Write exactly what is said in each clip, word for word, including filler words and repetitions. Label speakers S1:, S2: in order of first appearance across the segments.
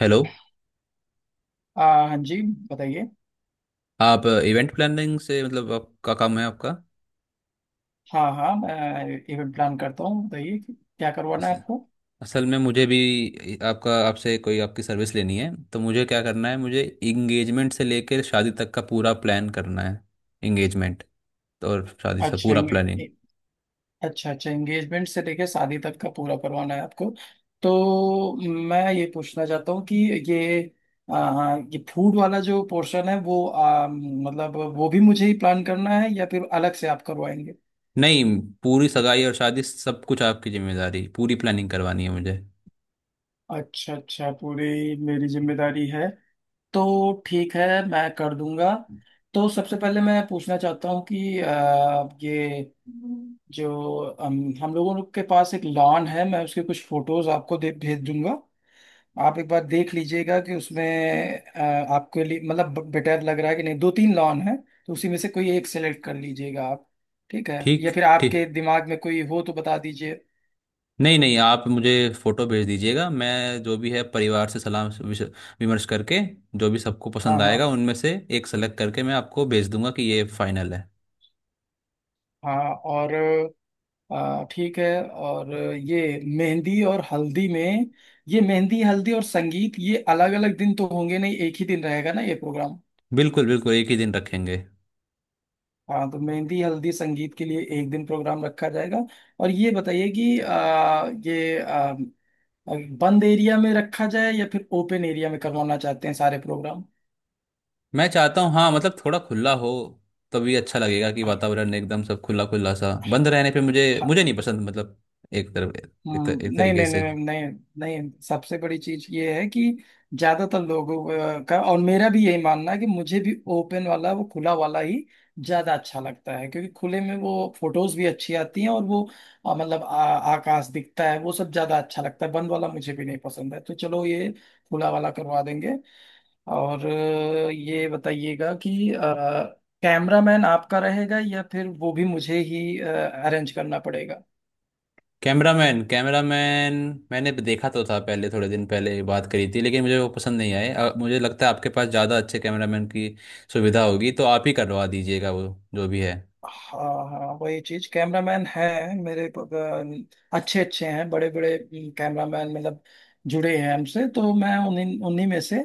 S1: Hello.
S2: आ, हाँ जी। बताइए।
S1: आप इवेंट प्लानिंग से, मतलब आपका काम है आपका
S2: हाँ हाँ, मैं इवेंट प्लान करता हूँ। बताइए कि क्या करवाना
S1: अस-
S2: है आपको।
S1: असल में मुझे भी आपका आपसे कोई आपकी सर्विस लेनी है, तो मुझे क्या करना है? मुझे इंगेजमेंट से लेकर शादी तक का पूरा प्लान करना है। इंगेजमेंट, तो और शादी से
S2: अच्छा
S1: पूरा प्लानिंग।
S2: एंगे- अच्छा अच्छा, एंगेजमेंट से लेके शादी तक का पूरा करवाना है आपको? तो मैं ये पूछना चाहता हूँ कि ये आ, हाँ, ये फूड वाला जो पोर्शन है वो, आ, मतलब वो भी मुझे ही प्लान करना है या फिर अलग से आप करवाएंगे?
S1: नहीं, पूरी सगाई और शादी सब कुछ आपकी जिम्मेदारी, पूरी प्लानिंग करवानी है मुझे।
S2: अच्छा अच्छा, पूरी मेरी जिम्मेदारी है। तो ठीक है, मैं कर दूंगा। तो सबसे पहले मैं पूछना चाहता हूँ कि अ, ये जो हम हम लोगों के पास एक लॉन है, मैं उसके कुछ फोटोज आपको दे भेज दूंगा। आप एक बार देख लीजिएगा कि उसमें अ, आपके लिए मतलब बेटर लग रहा है कि नहीं। दो तीन लॉन है, तो उसी में से कोई एक सेलेक्ट कर लीजिएगा आप। ठीक है?
S1: ठीक,
S2: या फिर आपके
S1: ठीक।
S2: दिमाग में कोई हो तो बता दीजिए।
S1: नहीं, नहीं, आप मुझे फोटो भेज दीजिएगा। मैं जो भी है परिवार से सलाह विश- विमर्श करके जो भी सबको
S2: हाँ
S1: पसंद
S2: हाँ
S1: आएगा उनमें से एक सेलेक्ट करके मैं आपको भेज दूंगा कि ये फाइनल है।
S2: हाँ। और अ, ठीक है। और ये मेहंदी और हल्दी में, ये मेहंदी हल्दी और संगीत, ये अलग अलग दिन तो होंगे नहीं, एक ही दिन रहेगा ना ये प्रोग्राम?
S1: बिल्कुल बिल्कुल, एक ही दिन रखेंगे।
S2: हाँ, तो मेहंदी हल्दी संगीत के लिए एक दिन प्रोग्राम रखा जाएगा। और ये बताइए कि आ, ये आ, बंद एरिया में रखा जाए या फिर ओपन एरिया में करवाना चाहते हैं सारे प्रोग्राम?
S1: मैं चाहता हूँ, हाँ, मतलब थोड़ा खुला हो, तभी अच्छा लगेगा कि वातावरण एकदम सब खुला खुला सा। बंद रहने पे मुझे मुझे नहीं पसंद, मतलब एक तरफ एक, तर,
S2: हम्म,
S1: एक
S2: नहीं
S1: तरीके
S2: नहीं
S1: से।
S2: नहीं नहीं। नहीं, सबसे बड़ी चीज ये है कि ज्यादातर लोगों अ, का और मेरा भी यही मानना है कि मुझे भी ओपन वाला, वो खुला वाला ही ज्यादा अच्छा लगता है, क्योंकि खुले में वो फोटोज भी अच्छी आती हैं और वो अ, मतलब आ, आकाश दिखता है, वो सब ज्यादा अच्छा लगता है। बंद वाला मुझे भी नहीं पसंद है, तो चलो, ये खुला वाला करवा देंगे। और अ, ये बताइएगा कि कैमरामैन आपका रहेगा या फिर वो भी मुझे ही अरेंज करना पड़ेगा?
S1: कैमरामैन, कैमरामैन, मैंने देखा तो था, पहले थोड़े दिन पहले बात करी थी, लेकिन मुझे वो पसंद नहीं आए। अ, मुझे लगता है आपके पास ज़्यादा अच्छे कैमरामैन की सुविधा होगी, तो आप ही करवा दीजिएगा वो, जो भी है।
S2: हाँ हाँ, वही चीज कैमरामैन है। मेरे प- अ, अच्छे अच्छे हैं, बड़े बड़े कैमरामैन मतलब जुड़े हैं हमसे। तो मैं उन्हीं उन्हीं में से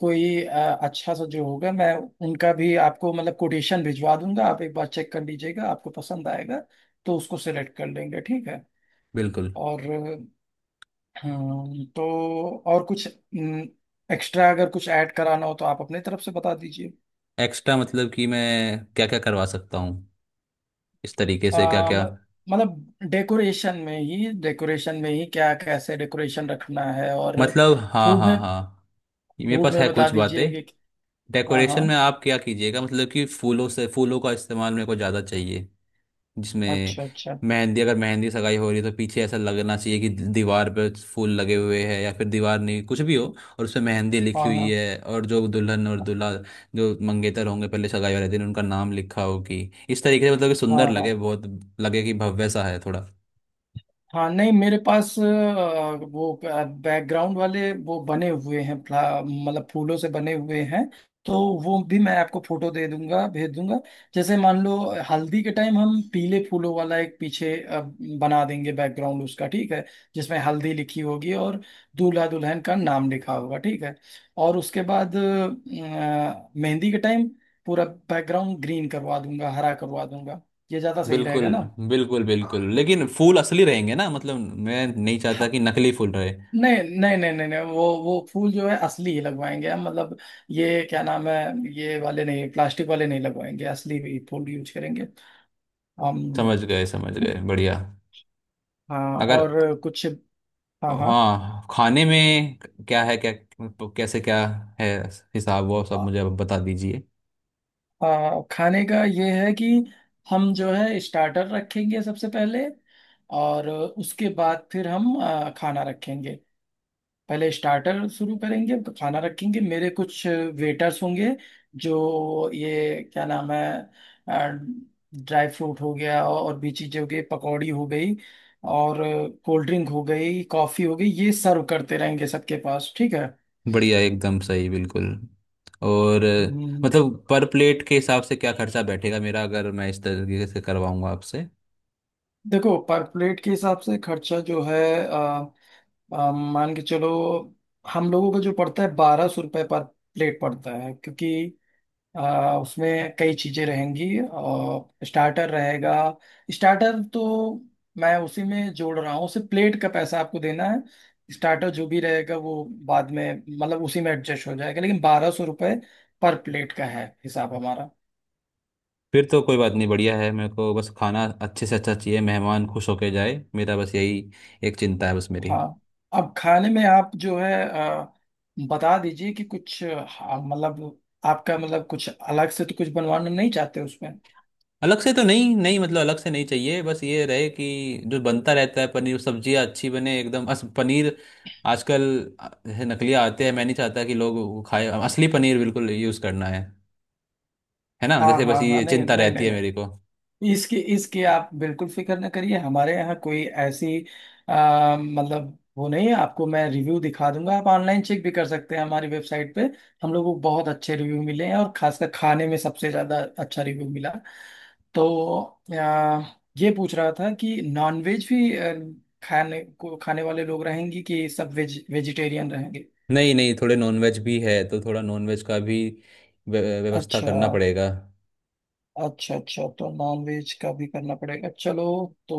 S2: कोई अ, अच्छा सा जो होगा, मैं उनका भी आपको मतलब कोटेशन भिजवा दूंगा। आप एक बार चेक कर लीजिएगा, आपको पसंद आएगा तो उसको सेलेक्ट कर लेंगे, ठीक है?
S1: बिल्कुल।
S2: और हम्म, तो और कुछ एक्स्ट्रा अगर कुछ ऐड कराना हो तो आप अपने तरफ से बता दीजिए।
S1: एक्स्ट्रा मतलब कि मैं क्या क्या करवा सकता हूँ? इस तरीके से क्या
S2: आ,
S1: क्या?
S2: म- मतलब डेकोरेशन में ही, डेकोरेशन में ही क्या कैसे डेकोरेशन रखना है, और
S1: मतलब हाँ,
S2: फूड
S1: हाँ,
S2: में,
S1: हाँ, ये मेरे
S2: फूड
S1: पास
S2: में
S1: है
S2: बता
S1: कुछ बातें।
S2: दीजिए कि। हाँ
S1: डेकोरेशन
S2: हाँ।
S1: में आप क्या कीजिएगा, मतलब कि फूलों से फूलों का इस्तेमाल मेरे को ज़्यादा चाहिए, जिसमें
S2: अच्छा अच्छा।
S1: मेहंदी, अगर मेहंदी सगाई हो रही है, तो पीछे ऐसा लगना चाहिए कि दीवार पे फूल लगे हुए हैं, या फिर दीवार नहीं, कुछ भी हो, और उसमें मेहंदी लिखी
S2: हाँ
S1: हुई
S2: हाँ।
S1: है और जो दुल्हन और दूल्हा, जो मंगेतर होंगे पहले सगाई वाले दिन, उनका नाम लिखा हो, कि इस तरीके से, मतलब कि
S2: हाँ
S1: सुंदर लगे
S2: हाँ।
S1: बहुत, लगे कि भव्य सा है थोड़ा।
S2: हाँ, नहीं मेरे पास अ, वो बैकग्राउंड वाले वो बने हुए हैं, फ्ला- मतलब फूलों से बने हुए हैं। तो वो भी मैं आपको फोटो दे दूंगा भेज दूंगा। जैसे मान लो, हल्दी के टाइम हम पीले फूलों वाला एक पीछे अ, बना देंगे बैकग्राउंड उसका, ठीक है? जिसमें हल्दी लिखी होगी और दूल्हा दुल्हन का नाम लिखा होगा, ठीक है? और उसके बाद अ, मेहंदी के टाइम पूरा बैकग्राउंड ग्रीन करवा दूंगा, हरा करवा दूंगा। ये ज्यादा सही
S1: बिल्कुल
S2: रहेगा ना?
S1: बिल्कुल बिल्कुल, लेकिन फूल असली रहेंगे ना? मतलब मैं नहीं चाहता
S2: हाँ,
S1: कि नकली फूल रहे।
S2: नहीं नहीं नहीं नहीं। नहीं, वो वो फूल जो है असली ही लगवाएंगे हम, मतलब ये क्या नाम है, ये वाले नहीं, प्लास्टिक वाले नहीं लगवाएंगे, असली भी फूल यूज करेंगे हम।
S1: समझ गए, समझ गए, बढ़िया।
S2: हाँ,
S1: अगर
S2: और कुछ? हाँ हाँ।
S1: हाँ, खाने में क्या है, क्या कैसे क्या है हिसाब, वो सब मुझे आप बता दीजिए।
S2: आ, खाने का ये है कि हम जो है स्टार्टर रखेंगे सबसे पहले, और उसके बाद फिर हम आ, खाना रखेंगे। पहले स्टार्टर शुरू करेंगे तो खाना रखेंगे। मेरे कुछ वेटर्स होंगे जो, ये क्या नाम है, ड्राई फ्रूट हो गया, और भी चीजें हो गई, पकौड़ी हो गई, और कोल्ड ड्रिंक हो गई, कॉफी हो गई, ये सर्व करते रहेंगे सबके पास, ठीक है?
S1: बढ़िया, एकदम सही, बिल्कुल। और
S2: हम्म,
S1: मतलब पर प्लेट के हिसाब से क्या खर्चा बैठेगा मेरा, अगर मैं इस तरीके से करवाऊंगा आपसे?
S2: देखो, पर प्लेट के हिसाब से खर्चा जो है अ, अ, मान के चलो, हम लोगों का जो पड़ता है बारह सौ रुपये पर प्लेट पड़ता है। क्योंकि आ, उसमें कई चीजें रहेंगी और स्टार्टर रहेगा। स्टार्टर तो मैं उसी में जोड़ रहा हूँ। सिर्फ प्लेट का पैसा आपको देना है, स्टार्टर जो भी रहेगा वो बाद में मतलब उसी में एडजस्ट हो जाएगा। लेकिन बारह सौ रुपये पर प्लेट का है हिसाब हमारा।
S1: फिर तो कोई बात नहीं, बढ़िया है। मेरे को बस खाना अच्छे से अच्छा चाहिए, मेहमान खुश होके जाए, मेरा बस यही एक चिंता है, बस मेरी।
S2: हाँ, अब खाने में आप जो है अ, बता दीजिए कि कुछ अ, हाँ, मतलब आपका मतलब कुछ अलग से तो कुछ बनवाना नहीं चाहते उसमें?
S1: अलग से तो नहीं, नहीं, मतलब अलग से नहीं चाहिए। बस ये रहे कि जो बनता रहता है, पनीर सब्जियां अच्छी बने एकदम। अस पनीर आजकल, अ, है, नकलिया आते हैं। मैं नहीं चाहता कि लोग वो खाए, असली पनीर बिल्कुल यूज़ करना है। है ना?
S2: हाँ
S1: जैसे
S2: हाँ
S1: बस
S2: हाँ।
S1: ये
S2: नहीं
S1: चिंता
S2: नहीं
S1: रहती
S2: नहीं
S1: है मेरे
S2: नहीं,
S1: को।
S2: इसकी इसकी आप बिल्कुल फिक्र न करिए। हमारे यहाँ कोई ऐसी आ, मतलब वो नहीं है। आपको मैं रिव्यू दिखा दूंगा, आप ऑनलाइन चेक भी कर सकते हैं हमारी वेबसाइट पे। हम लोगों को बहुत अच्छे रिव्यू मिले हैं और खासकर खाने में सबसे ज़्यादा अच्छा रिव्यू मिला। तो आ, ये पूछ रहा था कि नॉनवेज भी आ, खाने को खाने वाले लोग रहेंगे कि सब वेज, वेजिटेरियन रहेंगे?
S1: नहीं, नहीं, थोड़े नॉनवेज भी है, तो थोड़ा नॉनवेज का भी व्य- व्यवस्था
S2: अच्छा,
S1: करना पड़ेगा।
S2: अच्छा अच्छा, तो नॉन वेज का भी करना पड़ेगा। चलो, तो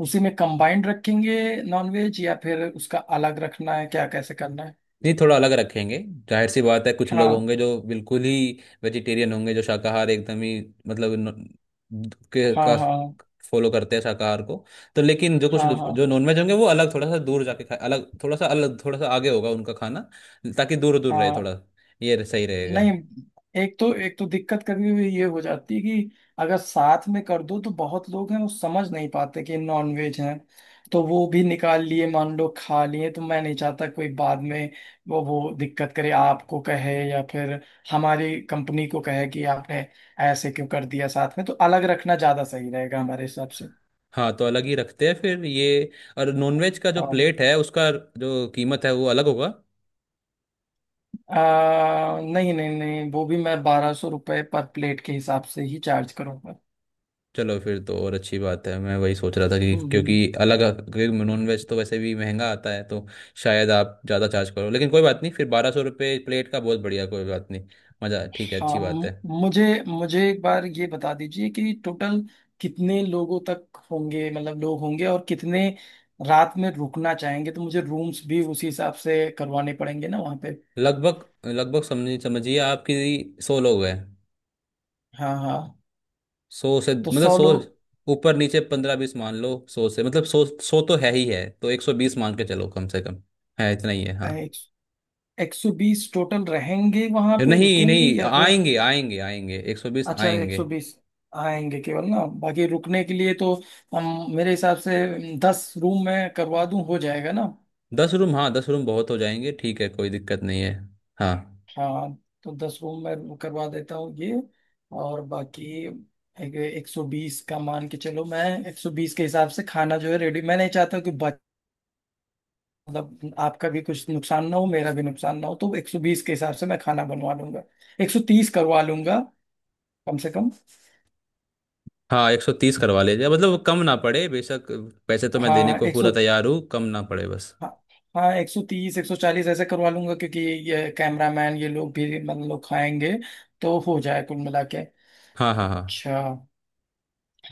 S2: उसी में कंबाइंड रखेंगे नॉन वेज, या फिर उसका अलग रखना है, क्या कैसे करना है?
S1: नहीं, थोड़ा अलग रखेंगे। जाहिर सी बात है, कुछ लोग
S2: हाँ
S1: होंगे जो बिल्कुल ही वेजिटेरियन होंगे, जो शाकाहार एकदम ही, मतलब न- के
S2: हाँ
S1: का
S2: हाँ
S1: फॉलो करते हैं शाकाहार को। तो लेकिन जो कुछ
S2: हाँ हाँ
S1: जो नॉनवेज होंगे, वो अलग थोड़ा सा दूर जाके खाए, अलग थोड़ा सा अलग थोड़ा सा आगे होगा उनका खाना, ताकि दूर दूर रहे
S2: हाँ।
S1: थोड़ा। ये सही रहेगा।
S2: नहीं, एक तो एक तो दिक्कत कभी भी ये हो जाती है कि अगर साथ में कर दो तो बहुत लोग हैं वो समझ नहीं पाते कि नॉन वेज है, तो वो भी निकाल लिए, मान लो खा लिए। तो मैं नहीं चाहता कोई बाद में वो वो दिक्कत करे, आपको कहे या फिर हमारी कंपनी को कहे कि आपने ऐसे क्यों कर दिया साथ में। तो अलग रखना ज्यादा सही रहेगा हमारे हिसाब से।
S1: हाँ, तो अलग ही रखते हैं फिर ये। और नॉनवेज का जो
S2: हाँ।
S1: प्लेट है उसका जो कीमत है वो अलग होगा?
S2: आ, नहीं नहीं नहीं, वो भी मैं बारह सौ रुपये पर प्लेट के हिसाब से ही चार्ज करूंगा।
S1: चलो, फिर तो और अच्छी बात है। मैं वही सोच रहा था कि,
S2: हम्म
S1: क्योंकि
S2: हम्म।
S1: अलग क्योंकि नॉनवेज तो वैसे भी महंगा आता है, तो शायद आप ज़्यादा चार्ज करो, लेकिन कोई बात नहीं। फिर बारह सौ रुपये प्लेट का, बहुत बढ़िया, कोई बात नहीं। मज़ा, ठीक है, अच्छी
S2: हाँ,
S1: बात
S2: म-
S1: है।
S2: मुझे मुझे एक बार ये बता दीजिए कि टोटल कितने लोगों तक होंगे, मतलब लोग होंगे और कितने रात में रुकना चाहेंगे? तो मुझे रूम्स भी उसी हिसाब से करवाने पड़ेंगे ना वहाँ पे।
S1: लगभग लगभग, समझ समझिए, आपकी सौ लोग हैं।
S2: हाँ हाँ,
S1: सौ से
S2: तो
S1: मतलब
S2: सौ
S1: सौ,
S2: लोग।
S1: ऊपर नीचे पंद्रह बीस मान लो। सौ से मतलब, सौ सौ तो है ही है, तो एक सौ बीस मान के चलो कम से कम। है, इतना ही है, हाँ।
S2: एक, एक सौ बीस टोटल रहेंगे वहाँ पे,
S1: नहीं,
S2: रुकेंगे
S1: नहीं,
S2: या फिर?
S1: आएंगे, आएंगे, आएंगे, एक सौ बीस
S2: अच्छा, एक
S1: आएंगे।
S2: सौ बीस आएंगे केवल ना, बाकी रुकने के लिए तो। हम मेरे हिसाब से दस रूम में करवा दूं, हो जाएगा ना?
S1: दस रूम, हाँ, दस रूम बहुत हो जाएंगे, ठीक है, कोई दिक्कत नहीं है, हाँ।
S2: हाँ, तो दस रूम मैं करवा देता हूँ ये। और बाकी एक एक सौ बीस का मान के चलो। मैं एक सौ बीस के हिसाब से खाना जो है रेडी, मैं नहीं चाहता हूँ कि बच, मतलब आपका भी कुछ नुकसान ना हो, मेरा भी नुकसान ना हो। तो एक सौ बीस के हिसाब से मैं खाना बनवा लूंगा, एक सौ तीस करवा लूंगा कम से कम।
S1: हाँ, एक सौ तीस करवा लीजिए, मतलब कम ना पड़े बेशक। पैसे तो मैं देने
S2: हाँ
S1: को
S2: एक
S1: पूरा
S2: सौ,
S1: तैयार हूँ, कम ना पड़े बस।
S2: हाँ, हाँ एक सौ तीस एक सौ चालीस ऐसे करवा लूंगा, क्योंकि ये कैमरामैन ये लोग भी मतलब लोग खाएंगे, तो हो जाए कुल मिला के।
S1: हाँ, हाँ, हाँ,
S2: अच्छा।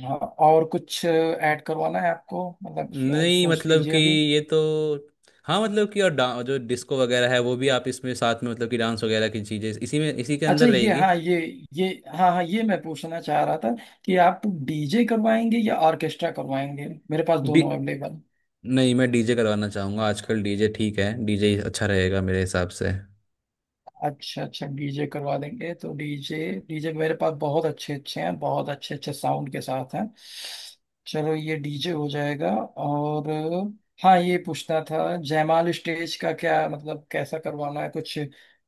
S2: हाँ, और कुछ ऐड करवाना है आपको मतलब, अ,
S1: नहीं,
S2: सोच
S1: मतलब
S2: लीजिए
S1: कि
S2: अभी।
S1: ये तो, हाँ, मतलब कि और डा- जो डिस्को वगैरह है, वो भी आप इसमें साथ में, मतलब कि डांस वगैरह की चीजें इसी में, इसी के
S2: अच्छा,
S1: अंदर
S2: ये
S1: रहेगी?
S2: हाँ, ये ये हाँ हाँ, ये मैं पूछना चाह रहा था कि आप डीजे करवाएंगे या ऑर्केस्ट्रा करवाएंगे? मेरे पास
S1: डी
S2: दोनों अवेलेबल।
S1: नहीं, मैं डी जे करवाना चाहूंगा। आजकल डी जे ठीक है, डी जे अच्छा रहेगा मेरे हिसाब से।
S2: अच्छा अच्छा, डीजे करवा देंगे, तो डीजे, डीजे मेरे पास बहुत अच्छे अच्छे हैं, बहुत अच्छे अच्छे साउंड के साथ हैं। चलो, ये डीजे हो जाएगा। और हाँ, ये पूछना था, जयमाल स्टेज का क्या मतलब कैसा करवाना है कुछ,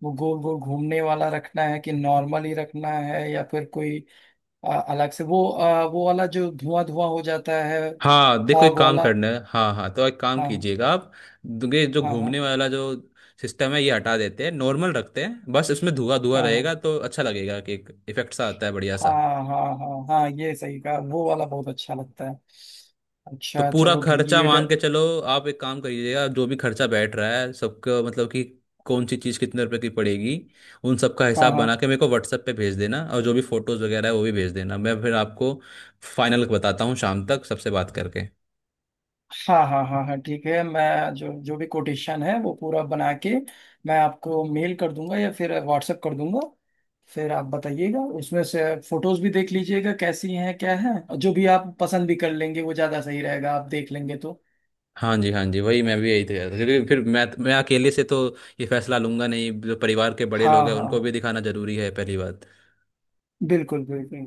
S2: वो गोल गोल घूमने वाला रखना है कि नॉर्मल ही रखना है, या फिर कोई अ, अलग से वो अ, वो वाला जो धुआं धुआं हो जाता है,
S1: हाँ देखो, एक
S2: फॉग
S1: काम
S2: वाला?
S1: करना है, हाँ, हाँ। तो एक काम
S2: हाँ
S1: कीजिएगा आप, ये जो
S2: हाँ हाँ
S1: घूमने वाला जो सिस्टम है, ये हटा देते हैं, नॉर्मल रखते हैं, बस इसमें धुआं धुआं
S2: हाँ
S1: रहेगा,
S2: हाँ
S1: तो अच्छा लगेगा कि एक इफेक्ट सा आता है, बढ़िया सा।
S2: हाँ हाँ हाँ हाँ, ये सही कहा, वो वाला बहुत अच्छा लगता है।
S1: तो
S2: अच्छा,
S1: पूरा
S2: चलो, ठीक है,
S1: खर्चा
S2: ये
S1: मान
S2: डर
S1: के चलो। आप एक काम करिएगा, जो भी खर्चा बैठ रहा है सबका, मतलब कि कौन सी चीज़ कितने रुपए की पड़ेगी, उन सब का
S2: हाँ
S1: हिसाब
S2: हाँ
S1: बना के मेरे को व्हाट्सएप पे भेज देना, और जो भी फोटोज़ वगैरह है वो भी भेज देना। मैं फिर आपको फाइनल बताता हूँ शाम तक सबसे बात करके।
S2: हाँ हाँ हाँ हाँ, ठीक है, मैं जो जो भी कोटेशन है वो पूरा बना के मैं आपको मेल कर दूंगा या फिर व्हाट्सएप कर दूंगा। फिर आप बताइएगा, उसमें से फोटोज भी देख लीजिएगा कैसी हैं क्या है। जो भी आप पसंद भी कर लेंगे वो ज्यादा सही रहेगा, आप देख लेंगे तो।
S1: हाँ जी, हाँ जी, वही मैं भी यही कह रहा था, क्योंकि फिर मैं मैं अकेले से तो ये फैसला लूंगा नहीं, जो परिवार के बड़े लोग
S2: हाँ
S1: हैं उनको भी
S2: हाँ,
S1: दिखाना जरूरी है, पहली बात।
S2: बिल्कुल बिल्कुल।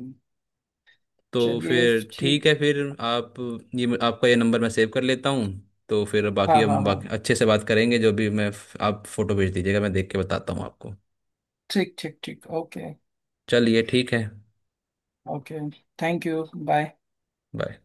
S1: तो
S2: चलिए,
S1: फिर ठीक
S2: ठीक।
S1: है फिर। आप ये आपका ये नंबर मैं सेव कर लेता हूँ, तो फिर
S2: हाँ
S1: बाकी,
S2: हाँ
S1: हम
S2: हाँ,
S1: बाकी अच्छे से बात करेंगे, जो भी मैं, आप फोटो भेज दीजिएगा, मैं देख के बताता हूँ आपको।
S2: ठीक ठीक ठीक, ओके।
S1: चलिए, ठीक है,
S2: okay, thank you, bye.
S1: Bye.